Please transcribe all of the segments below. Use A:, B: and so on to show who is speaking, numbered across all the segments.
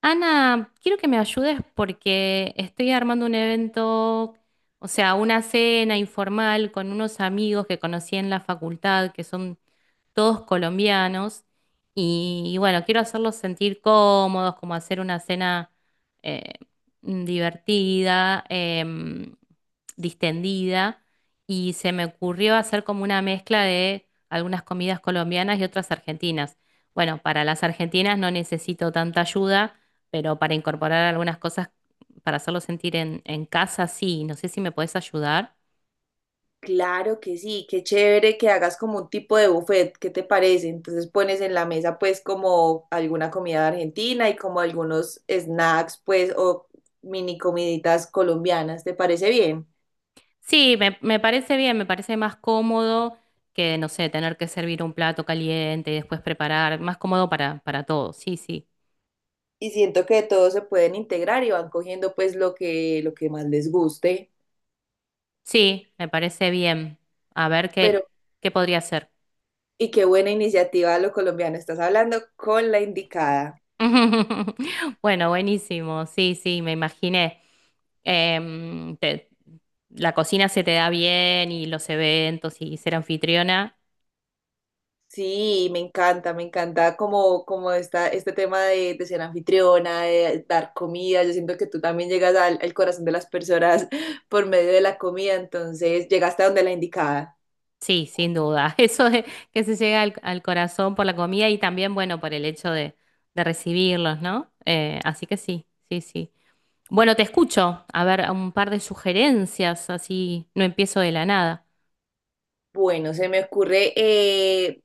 A: Ana, quiero que me ayudes porque estoy armando un evento, o sea, una cena informal con unos amigos que conocí en la facultad, que son todos colombianos. Y bueno, quiero hacerlos sentir cómodos, como hacer una cena eh, divertida, em, distendida. Y se me ocurrió hacer como una mezcla de algunas comidas colombianas y otras argentinas. Bueno, para las argentinas no necesito tanta ayuda, pero para incorporar algunas cosas, para hacerlos sentir en casa, sí. No sé si me puedes ayudar.
B: Claro que sí, qué chévere que hagas como un tipo de buffet, ¿qué te parece? Entonces pones en la mesa pues como alguna comida argentina y como algunos snacks pues o mini comiditas colombianas, ¿te parece bien?
A: Sí, me parece bien, me parece más cómodo que, no sé, tener que servir un plato caliente y después preparar, más cómodo para todos, sí, sí.
B: Y siento que todos se pueden integrar y van cogiendo pues lo que más les guste,
A: Sí, me parece bien. A ver
B: pero
A: qué podría hacer.
B: y qué buena iniciativa lo colombiano, estás hablando con la indicada.
A: Bueno, buenísimo, sí, sí, me imaginé. Em, te- la cocina se te da bien y los eventos y ser anfitriona.
B: Sí, me encanta como, como esta, este tema de ser anfitriona, de dar comida. Yo siento que tú también llegas al, al corazón de las personas por medio de la comida, entonces llegaste a donde la indicada.
A: Sí, sin duda. Eso de que se llega al corazón por la comida y también, bueno, por el hecho de recibirlos, ¿no? Así que sí, sí, sí. Bueno, te escucho. A ver, un par de sugerencias, así no empiezo de la nada.
B: Bueno, se me ocurre,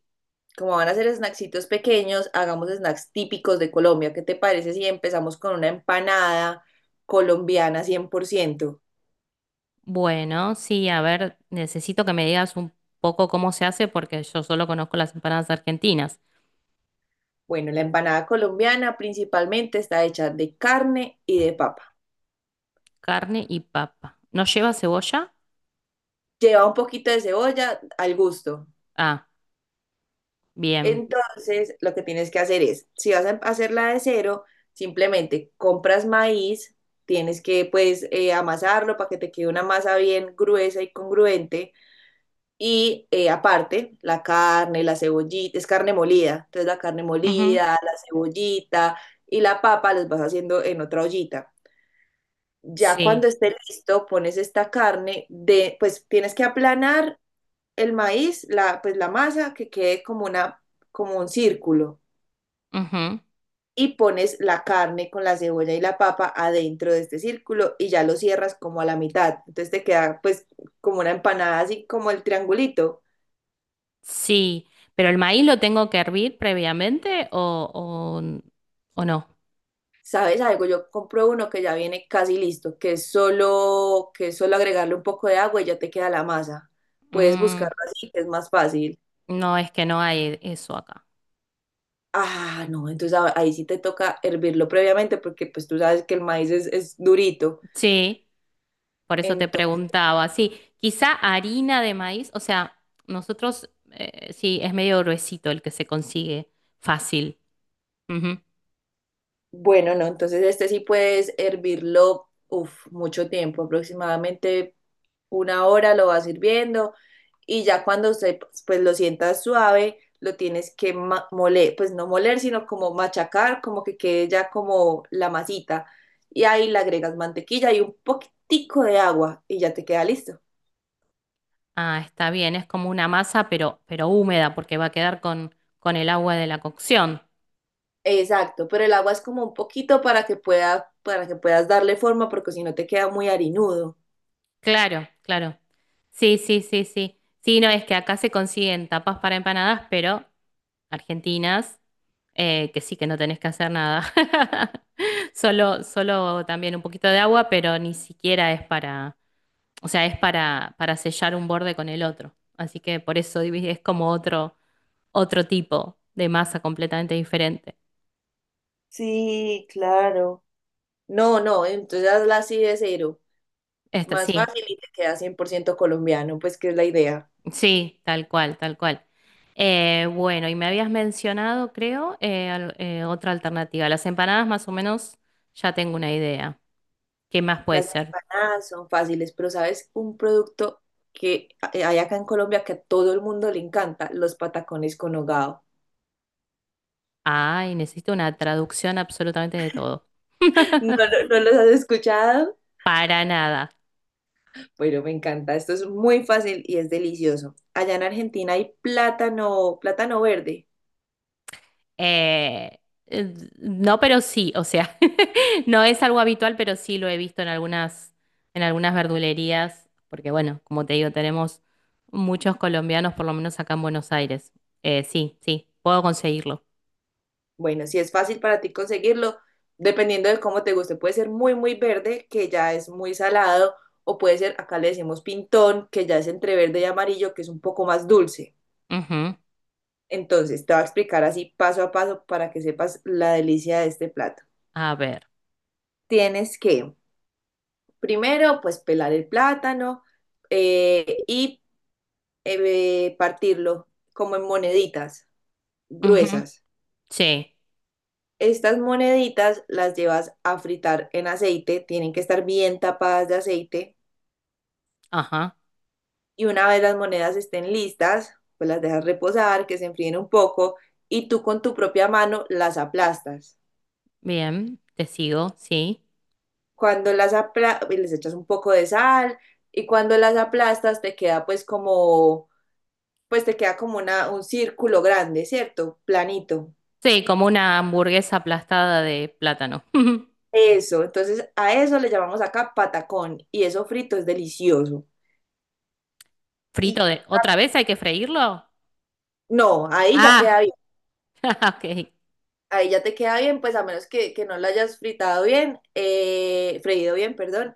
B: como van a ser snacksitos pequeños, hagamos snacks típicos de Colombia. ¿Qué te parece si empezamos con una empanada colombiana 100%?
A: Bueno, sí, a ver, necesito que me digas un poco cómo se hace porque yo solo conozco las empanadas argentinas.
B: Bueno, la empanada colombiana principalmente está hecha de carne y de papa.
A: Carne y papa. ¿No lleva cebolla?
B: Lleva un poquito de cebolla al gusto.
A: Ah, bien.
B: Entonces, lo que tienes que hacer es, si vas a hacerla de cero, simplemente compras maíz, tienes que pues amasarlo para que te quede una masa bien gruesa y congruente. Y aparte, la carne, la cebollita, es carne molida. Entonces, la carne
A: Ujú.
B: molida, la cebollita y la papa las vas haciendo en otra ollita. Ya cuando
A: Sí.
B: esté listo, pones esta carne de, pues tienes que aplanar el maíz, la, pues la masa que quede como, una, como un círculo
A: Ujú.
B: y pones la carne con la cebolla y la papa adentro de este círculo y ya lo cierras como a la mitad. Entonces te queda pues como una empanada así como el triangulito.
A: Sí, pero el maíz lo tengo que hervir previamente o no.
B: ¿Sabes algo? Yo compro uno que ya viene casi listo, que es solo agregarle un poco de agua y ya te queda la masa. Puedes
A: Mm,
B: buscarlo así, que es más fácil.
A: no, es que no hay eso acá.
B: Ah, no, entonces ahí sí te toca hervirlo previamente porque pues tú sabes que el maíz es durito.
A: Sí, por eso te preguntaba. Sí, quizá harina de maíz, o sea, nosotros, sí, es medio gruesito el que se consigue fácil. Ujú.
B: Bueno, no, entonces este sí puedes hervirlo, uf, mucho tiempo, aproximadamente 1 hora lo vas hirviendo y ya cuando se, pues lo sientas suave, lo tienes que moler, pues no moler, sino como machacar, como que quede ya como la masita y ahí le agregas mantequilla y un poquitico de agua y ya te queda listo.
A: Ah, está bien, es como una masa, pero húmeda, porque va a quedar con el agua de la cocción.
B: Exacto, pero el agua es como un poquito para que pueda, para que puedas darle forma porque si no te queda muy harinudo.
A: Claro, claro. Sí, sí, sí, sí. Sí, no, es que acá se consiguen tapas para empanadas, pero argentinas, que sí que no tenés que hacer nada. Solo también un poquito de agua, pero ni siquiera es para, o sea, es para sellar un borde con el otro. Así que por eso es como otro, otro tipo de masa completamente diferente.
B: Sí, claro. No, no, entonces la así de cero.
A: Esta,
B: Más
A: sí,
B: fácil y te queda 100% colombiano, pues que es la idea.
A: sí, tal cual, tal cual. Bueno, y me habías mencionado, creo, otra alternativa. Las empanadas más o menos ya tengo una idea. ¿Qué más puede
B: Las
A: ser?
B: empanadas son fáciles, pero ¿sabes? Un producto que hay acá en Colombia que a todo el mundo le encanta, los patacones con hogao.
A: Ay, necesito una traducción absolutamente de todo.
B: No, no, los has escuchado,
A: Para nada.
B: pero me encanta. Esto es muy fácil y es delicioso. Allá en Argentina hay plátano, plátano verde.
A: Eh, no, pero sí, o sea, no es algo habitual, pero sí lo he visto en algunas verdulerías, porque bueno, como te digo, tenemos muchos colombianos, por lo menos acá en Buenos Aires. Sí, sí, puedo conseguirlo.
B: Bueno, si es fácil para ti conseguirlo, dependiendo de cómo te guste, puede ser muy, muy verde, que ya es muy salado, o puede ser, acá le decimos pintón, que ya es entre verde y amarillo, que es un poco más dulce.
A: Ujú.
B: Entonces, te voy a explicar así paso a paso para que sepas la delicia de este plato.
A: A ver.
B: Tienes que, primero, pues pelar el plátano y partirlo como en moneditas
A: Ujú.
B: gruesas.
A: Sí,
B: Estas moneditas las llevas a fritar en aceite, tienen que estar bien tapadas de aceite
A: ajá,
B: y una vez las monedas estén listas, pues las dejas reposar, que se enfríen un poco y tú con tu propia mano las aplastas.
A: bien, te sigo, sí.
B: Cuando las aplastas, les echas un poco de sal y cuando las aplastas te queda pues como, pues te queda como una, un círculo grande, ¿cierto? Planito.
A: Sí, como una hamburguesa aplastada de plátano.
B: Eso, entonces a eso le llamamos acá patacón y eso frito es delicioso. Y
A: Frito de... ¿Otra vez hay que freírlo?
B: no, ahí ya queda
A: Ah, ok.
B: ahí ya te queda bien, pues a menos que no lo hayas fritado bien, freído bien, perdón,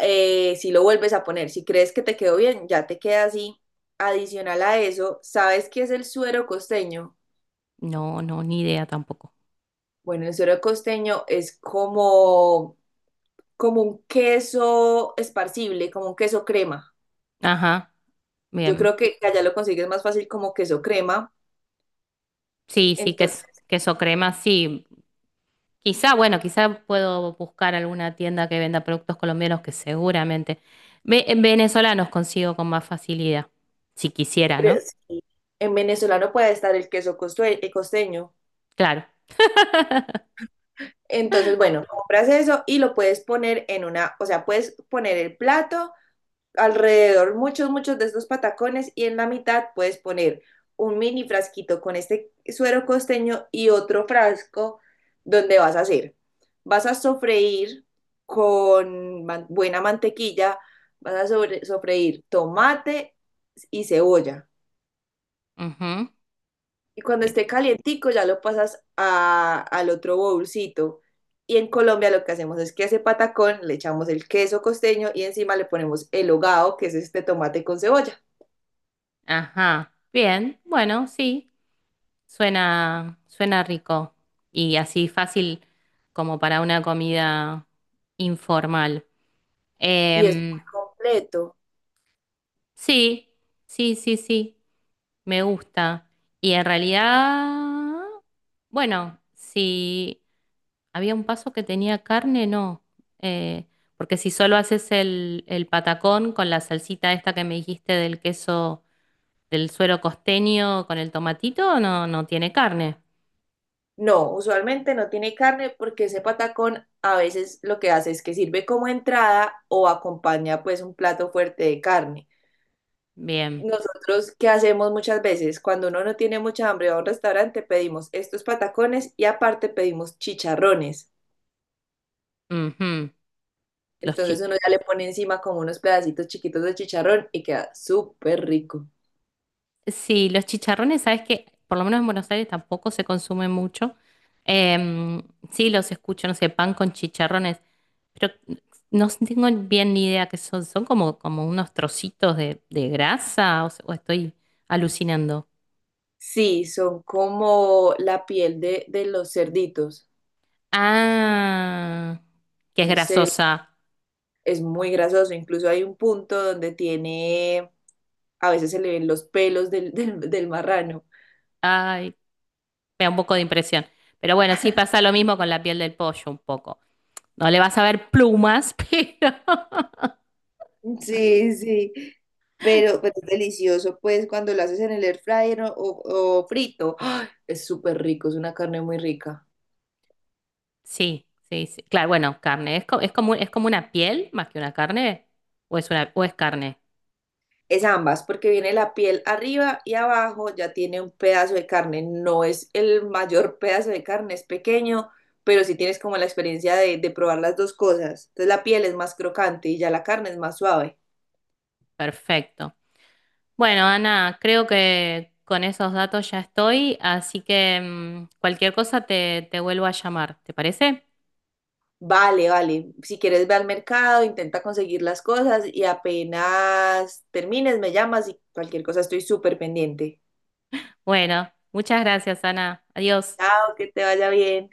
B: si lo vuelves a poner, si crees que te quedó bien, ya te queda así. Adicional a eso, ¿sabes qué es el suero costeño?
A: No, no, ni idea tampoco.
B: Bueno, el suero costeño es como, como un queso esparcible, como un queso crema.
A: Ajá,
B: Yo
A: bien.
B: creo que allá lo consigues más fácil como queso crema.
A: Sí, sí, queso,
B: Entonces,
A: queso crema, sí. Quizá, bueno, quizá puedo buscar alguna tienda que venda productos colombianos que seguramente venezolanos consigo con más facilidad, si quisiera,
B: pero
A: ¿no?
B: sí, en venezolano puede estar el queso costeño.
A: Claro.
B: Entonces, bueno, compras eso y lo puedes poner en una, o sea, puedes poner el plato alrededor, muchos, muchos de estos patacones y en la mitad puedes poner un mini frasquito con este suero costeño y otro frasco donde vas a hacer. Vas a sofreír con buena mantequilla, vas a sofreír tomate y cebolla.
A: Ujú.
B: Y cuando
A: Bien.
B: esté calientico ya lo pasas al otro bolsito. Y en Colombia lo que hacemos es que a ese patacón le echamos el queso costeño y encima le ponemos el hogao, que es este tomate con cebolla.
A: Ajá. Bien, bueno, sí. Suena, suena rico y así fácil como para una comida informal.
B: Y es muy
A: Em,
B: completo.
A: sí, sí, sí, sí, me gusta. Y en realidad, bueno, si había un paso que tenía carne, no. Eh, Porque si solo haces el patacón con la salsita esta que me dijiste del queso, del suero costeño con el tomatito, no, no tiene carne.
B: No, usualmente no tiene carne porque ese patacón a veces lo que hace es que sirve como entrada o acompaña pues un plato fuerte de carne.
A: Bien.
B: Nosotros, ¿qué hacemos muchas veces? Cuando uno no tiene mucha hambre va a un restaurante, pedimos estos patacones y aparte pedimos chicharrones.
A: Ujú. Los,
B: Entonces
A: chi-
B: uno ya le pone encima como unos pedacitos chiquitos de chicharrón y queda súper rico.
A: Sí, los chicharrones, sabes que por lo menos en Buenos Aires tampoco se consumen mucho. Em, sí, los escucho, no sé, pan con chicharrones, pero no tengo bien ni idea qué son. Son como, como unos trocitos de grasa o, o estoy alucinando.
B: Sí, son como la piel de los cerditos.
A: Ah, que es
B: Los cer-
A: grasosa.
B: es muy grasoso. Incluso hay un punto donde tiene, a veces se le ven los pelos del, del, del marrano.
A: Ay, me da un poco de impresión. Pero bueno, sí pasa lo mismo con la piel del pollo un poco. No le vas a ver plumas, pero
B: Sí, sí, pero es delicioso, pues, cuando lo haces en el air fryer o, o frito. ¡Ah! Es súper rico, es una carne muy rica.
A: sí, sí, sí. Claro, bueno, carne. ¿Es, es como una piel más que una carne? ¿O es una, o es carne?
B: Es ambas, porque viene la piel arriba y abajo, ya tiene un pedazo de carne, no es el mayor pedazo de carne, es pequeño, pero sí tienes como la experiencia de probar las dos cosas. Entonces la piel es más crocante y ya la carne es más suave.
A: Perfecto. Bueno, Ana, creo que con esos datos ya estoy, así que mm, cualquier cosa te vuelvo a llamar, ¿te parece?
B: Vale, vale, si quieres ve al mercado, intenta conseguir las cosas y apenas termines me llamas y cualquier cosa estoy súper pendiente.
A: Bueno, muchas gracias, Ana. Adiós.
B: Chao, que te vaya bien.